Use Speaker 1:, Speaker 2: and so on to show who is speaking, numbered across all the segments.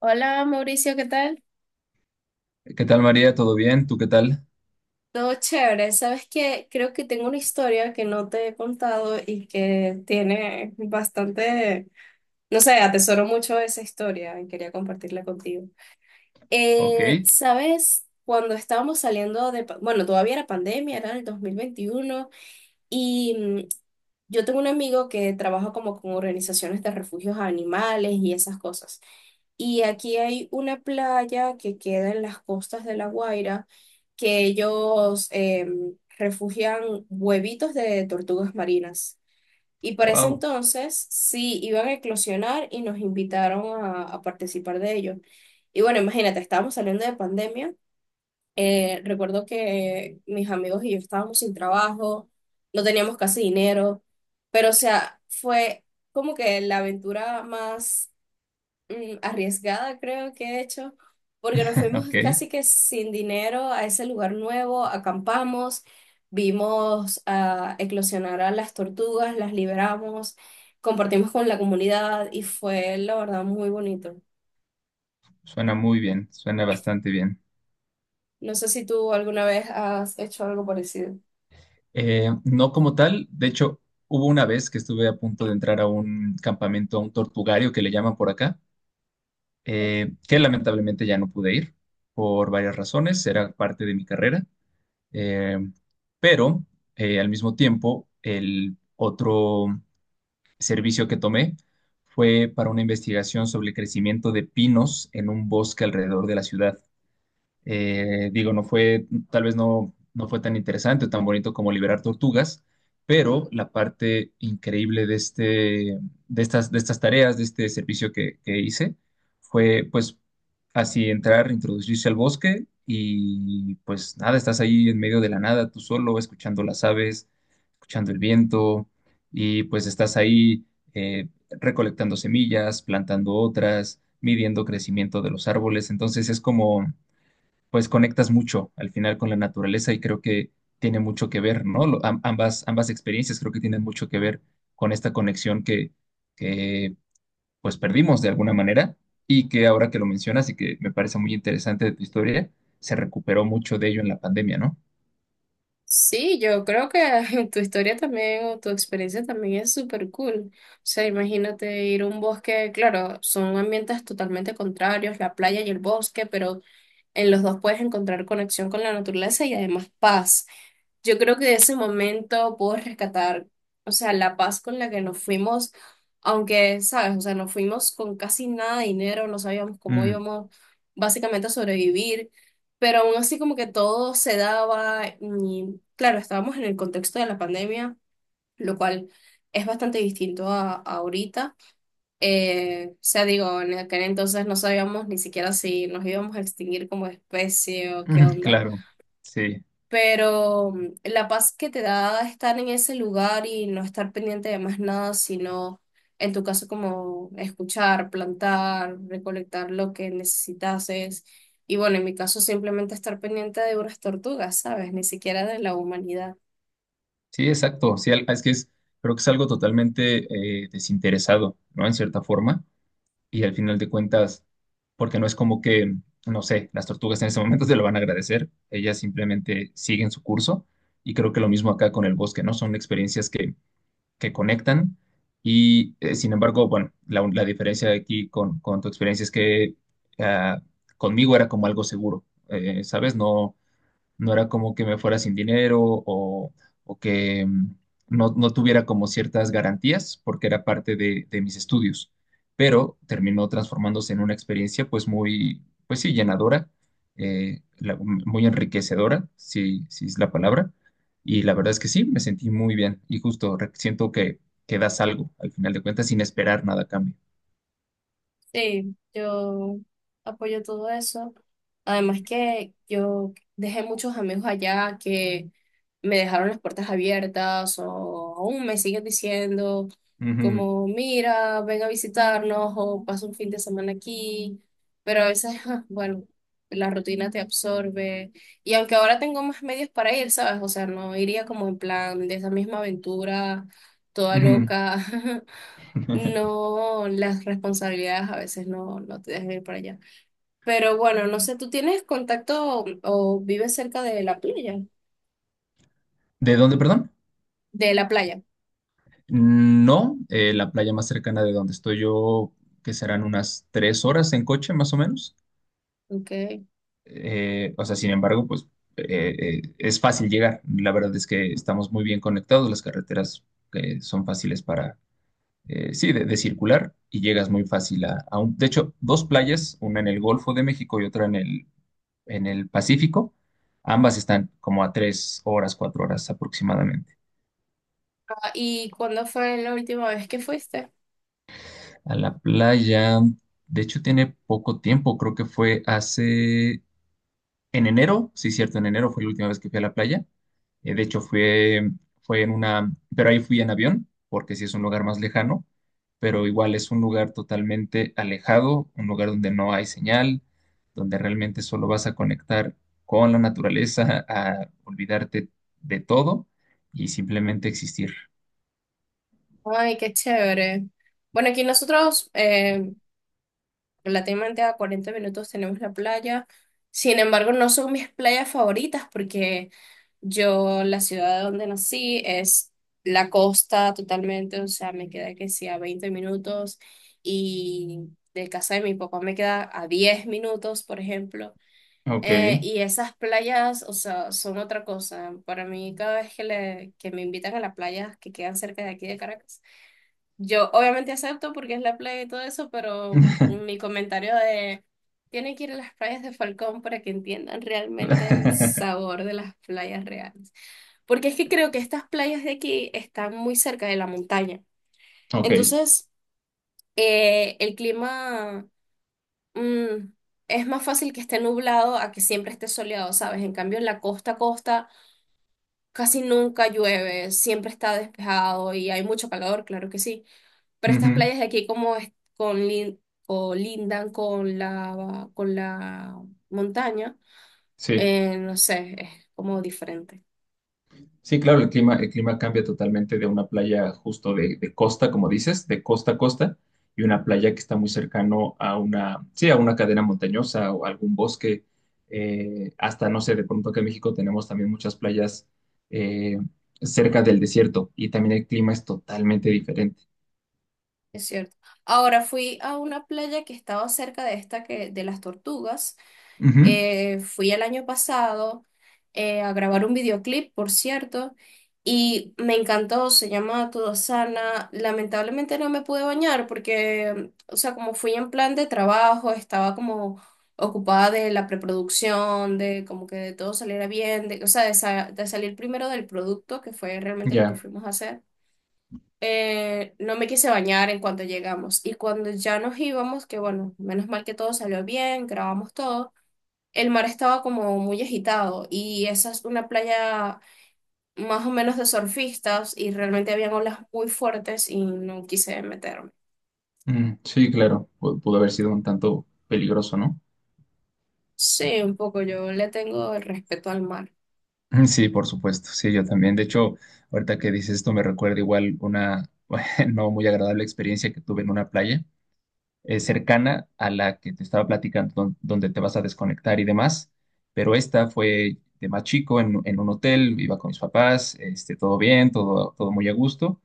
Speaker 1: Hola Mauricio, ¿qué tal?
Speaker 2: ¿Qué tal, María? ¿Todo bien? ¿Tú qué tal?
Speaker 1: Todo chévere. Sabes que creo que tengo una historia que no te he contado y que tiene bastante, no sé, atesoro mucho esa historia y quería compartirla contigo.
Speaker 2: Ok.
Speaker 1: ¿sabes? Cuando estábamos saliendo de, bueno, todavía era pandemia, era el 2021 y yo tengo un amigo que trabaja como con organizaciones de refugios a animales y esas cosas. Y aquí hay una playa que queda en las costas de La Guaira, que ellos refugian huevitos de tortugas marinas. Y para ese
Speaker 2: Wow.
Speaker 1: entonces sí iban a eclosionar y nos invitaron a participar de ellos. Y bueno, imagínate, estábamos saliendo de pandemia. Recuerdo que mis amigos y yo estábamos sin trabajo, no teníamos casi dinero, pero o sea, fue como que la aventura más arriesgada, creo que he hecho, porque nos fuimos
Speaker 2: Ok.
Speaker 1: casi que sin dinero a ese lugar nuevo, acampamos, vimos a eclosionar a las tortugas, las liberamos, compartimos con la comunidad y fue, la verdad, muy bonito.
Speaker 2: Suena muy bien, suena bastante bien.
Speaker 1: No sé si tú alguna vez has hecho algo parecido.
Speaker 2: No como tal. De hecho, hubo una vez que estuve a punto de entrar a un campamento, a un tortugario que le llaman por acá, que lamentablemente ya no pude ir por varias razones, era parte de mi carrera. Eh, pero al mismo tiempo, el otro servicio que tomé fue para una investigación sobre el crecimiento de pinos en un bosque alrededor de la ciudad. Digo, tal vez no fue tan interesante o tan bonito como liberar tortugas, pero la parte increíble de estas tareas, de este servicio que hice, fue pues así entrar, introducirse al bosque y pues nada, estás ahí en medio de la nada, tú solo, escuchando las aves, escuchando el viento, y pues estás ahí eh, recolectando semillas, plantando otras, midiendo crecimiento de los árboles. Entonces es como pues conectas mucho al final con la naturaleza y creo que tiene mucho que ver, ¿no? Ambas, ambas experiencias creo que tienen mucho que ver con esta conexión que pues perdimos de alguna manera y que ahora que lo mencionas, y que me parece muy interesante de tu historia, se recuperó mucho de ello en la pandemia, ¿no?
Speaker 1: Sí, yo creo que tu historia también o tu experiencia también es súper cool. O sea, imagínate ir a un bosque, claro, son ambientes totalmente contrarios, la playa y el bosque, pero en los dos puedes encontrar conexión con la naturaleza y además paz. Yo creo que de ese momento puedo rescatar, o sea, la paz con la que nos fuimos, aunque, sabes, o sea, nos fuimos con casi nada de dinero, no sabíamos cómo
Speaker 2: Mm.
Speaker 1: íbamos básicamente a sobrevivir, pero aún así como que todo se daba y, claro, estábamos en el contexto de la pandemia, lo cual es bastante distinto a ahorita. O sea, digo, en aquel entonces no sabíamos ni siquiera si nos íbamos a extinguir como especie o qué
Speaker 2: Mm,
Speaker 1: onda.
Speaker 2: claro, sí.
Speaker 1: Pero la paz que te da estar en ese lugar y no estar pendiente de más nada, sino en tu caso como escuchar, plantar, recolectar lo que necesitases. Y bueno, en mi caso simplemente estar pendiente de unas tortugas, ¿sabes? Ni siquiera de la humanidad.
Speaker 2: Sí, exacto. Creo que es algo totalmente desinteresado, ¿no? En cierta forma y al final de cuentas, porque no es como que, no sé, las tortugas en ese momento te lo van a agradecer, ellas simplemente siguen su curso. Y creo que lo mismo acá con el bosque, ¿no? Son experiencias que conectan. Y sin embargo, bueno, la diferencia aquí con tu experiencia es que ah, conmigo era como algo seguro, ¿sabes? No no era como que me fuera sin dinero, o que no, no tuviera como ciertas garantías, porque era parte de mis estudios, pero terminó transformándose en una experiencia pues muy, pues sí, llenadora, muy enriquecedora, si, si es la palabra. Y la verdad es que sí, me sentí muy bien. Y justo siento que das algo al final de cuentas sin esperar nada a cambio.
Speaker 1: Sí, yo apoyo todo eso. Además que yo dejé muchos amigos allá que me dejaron las puertas abiertas o aún me siguen diciendo
Speaker 2: Ujú.
Speaker 1: como, mira, ven a visitarnos o pasa un fin de semana aquí. Pero a veces, bueno, la rutina te absorbe. Y aunque ahora tengo más medios para ir, ¿sabes? O sea, no iría como en plan de esa misma aventura toda
Speaker 2: Ujú.
Speaker 1: loca. No, las responsabilidades a veces no te dejan ir para allá. Pero bueno, no sé, ¿tú tienes contacto o vives cerca de la playa?
Speaker 2: ¿De dónde, perdón?
Speaker 1: De la playa.
Speaker 2: No, la playa más cercana de donde estoy yo, que serán unas tres horas en coche más o menos.
Speaker 1: Ok.
Speaker 2: O sea, sin embargo, pues eh, es fácil llegar. La verdad es que estamos muy bien conectados. Las carreteras son fáciles para, sí, de circular, y llegas muy fácil a un... De hecho, dos playas, una en el Golfo de México y otra en en el Pacífico. Ambas están como a tres horas, cuatro horas aproximadamente.
Speaker 1: Ah, ¿y cuándo fue la última vez que fuiste?
Speaker 2: A la playa. De hecho, tiene poco tiempo, creo que fue hace en enero. Sí, cierto, en enero fue la última vez que fui a la playa. De hecho, fue en una, pero ahí fui en avión, porque sí es un lugar más lejano, pero igual es un lugar totalmente alejado, un lugar donde no hay señal, donde realmente solo vas a conectar con la naturaleza, a olvidarte de todo y simplemente existir.
Speaker 1: Ay, qué chévere. Bueno, aquí nosotros relativamente a 40 minutos tenemos la playa. Sin embargo, no son mis playas favoritas porque yo, la ciudad donde nací es la costa totalmente, o sea, me queda que sí a 20 minutos y de casa de mi papá me queda a 10 minutos, por ejemplo.
Speaker 2: Ok.
Speaker 1: Y esas playas, o sea, son otra cosa. Para mí, cada vez que que me invitan a las playas que quedan cerca de aquí de Caracas, yo obviamente acepto porque es la playa y todo eso, pero mi comentario de tienen que ir a las playas de Falcón para que entiendan realmente el sabor de las playas reales. Porque es que creo que estas playas de aquí están muy cerca de la montaña.
Speaker 2: Ok.
Speaker 1: Entonces, el clima mm, es más fácil que esté nublado a que siempre esté soleado, ¿sabes? En cambio, en la costa a costa casi nunca llueve, siempre está despejado y hay mucho calor, claro que sí. Pero estas
Speaker 2: Ujú.
Speaker 1: playas de aquí como es- con lin- colindan con con la montaña,
Speaker 2: Sí,
Speaker 1: no sé, es como diferente.
Speaker 2: sí, claro, el clima cambia totalmente de una playa justo de costa, como dices, de costa a costa, y una playa que está muy cercano a una, sí, a una cadena montañosa o algún bosque. Hasta, no sé, de pronto que en México tenemos también muchas playas eh, cerca del desierto, y también el clima es totalmente diferente.
Speaker 1: Es cierto. Ahora fui a una playa que estaba cerca de esta que, de las tortugas.
Speaker 2: Ujú.
Speaker 1: Fui el año pasado a grabar un videoclip, por cierto, y me encantó, se llama Todo Sana. Lamentablemente no me pude bañar porque, o sea, como fui en plan de trabajo, estaba como ocupada de la preproducción, de como que de todo saliera bien, de, o sea, de, sa- de salir primero del producto, que fue realmente lo que
Speaker 2: Ya.
Speaker 1: fuimos a hacer. No me quise bañar en cuanto llegamos y cuando ya nos íbamos, que bueno, menos mal que todo salió bien, grabamos todo. El mar estaba como muy agitado y esa es una playa más o menos de surfistas y realmente habían olas muy fuertes y no quise meterme.
Speaker 2: Mm, sí, claro, pudo haber sido un tanto peligroso, ¿no?
Speaker 1: Sí, un poco yo le tengo el respeto al mar.
Speaker 2: Mm. Sí, por supuesto, sí, yo también. De hecho, ahorita que dices esto me recuerda igual una no muy agradable experiencia que tuve en una playa cercana a la que te estaba platicando, donde te vas a desconectar y demás. Pero esta fue de más chico en un hotel, iba con mis papás, este, todo bien, todo, todo muy a gusto,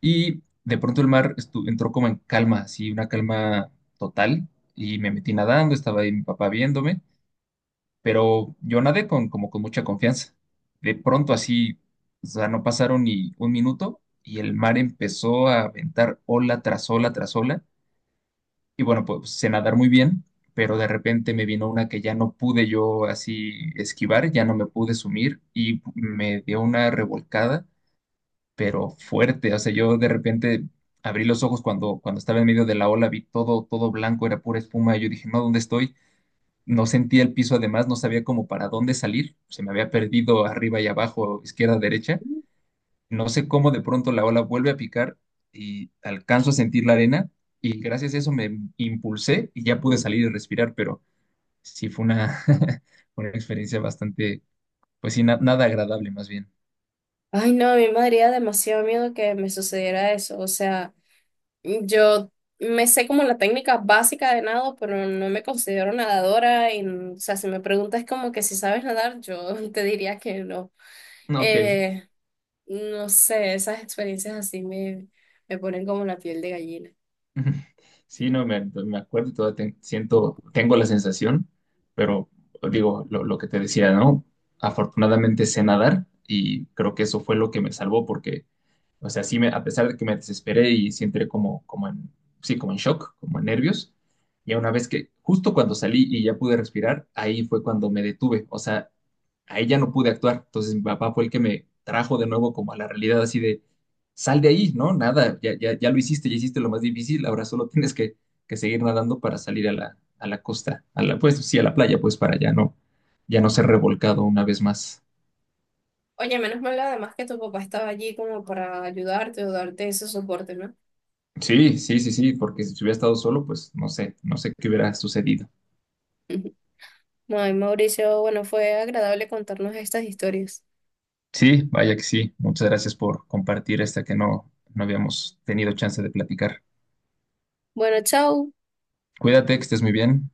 Speaker 2: y de pronto el mar entró como en calma, así, una calma total, y me metí nadando. Estaba ahí mi papá viéndome, pero yo nadé con, como con mucha confianza. De pronto así, o sea, no pasaron ni un minuto y el mar empezó a aventar ola tras ola tras ola. Y bueno, pues sé nadar muy bien, pero de repente me vino una que ya no pude yo así esquivar, ya no me pude sumir y me dio una revolcada, pero fuerte. O sea, yo de repente abrí los ojos cuando, cuando estaba en medio de la ola, vi todo, todo blanco, era pura espuma. Y yo dije, no, ¿dónde estoy? No sentía el piso. Además, no sabía cómo para dónde salir. Se me había perdido arriba y abajo, izquierda, derecha. No sé cómo de pronto la ola vuelve a picar y alcanzo a sentir la arena, y gracias a eso me impulsé y ya pude salir y respirar. Pero sí fue una, una experiencia bastante, pues sí, nada agradable más bien.
Speaker 1: Ay, no, a mí me daría demasiado miedo que me sucediera eso. O sea, yo me sé como la técnica básica de nado, pero no me considero nadadora. Y, o sea, si me preguntas como que si sabes nadar, yo te diría que no.
Speaker 2: Ok.
Speaker 1: Eh, No sé, esas experiencias así me ponen como la piel de gallina.
Speaker 2: Ujú. Sí, no, me acuerdo y todavía siento, tengo la sensación. Pero digo, lo que te decía, ¿no? Afortunadamente sé nadar y creo que eso fue lo que me salvó, porque o sea, sí, a pesar de que me desesperé y sí entré sí, como en shock, como en nervios. Y una vez que, justo cuando salí y ya pude respirar, ahí fue cuando me detuve. O sea, ahí ya no pude actuar. Entonces mi papá fue el que me trajo de nuevo como a la realidad, así de, sal de ahí, ¿no? Nada, ya lo hiciste, ya hiciste lo más difícil, ahora solo tienes que seguir nadando para salir a la costa, a la, pues sí, a la playa, pues para ya no ser revolcado una vez más.
Speaker 1: Oye, menos mal además que tu papá estaba allí como para ayudarte o darte ese soporte, ¿no?
Speaker 2: Sí, sí, sí, sí, porque si hubiera estado solo, pues no sé, no sé qué hubiera sucedido.
Speaker 1: Ay, Mauricio, bueno, fue agradable contarnos estas historias.
Speaker 2: Sí, vaya que sí. Muchas gracias por compartir esta que no, no habíamos tenido chance de platicar.
Speaker 1: Bueno, chao.
Speaker 2: Cuídate, que estés muy bien.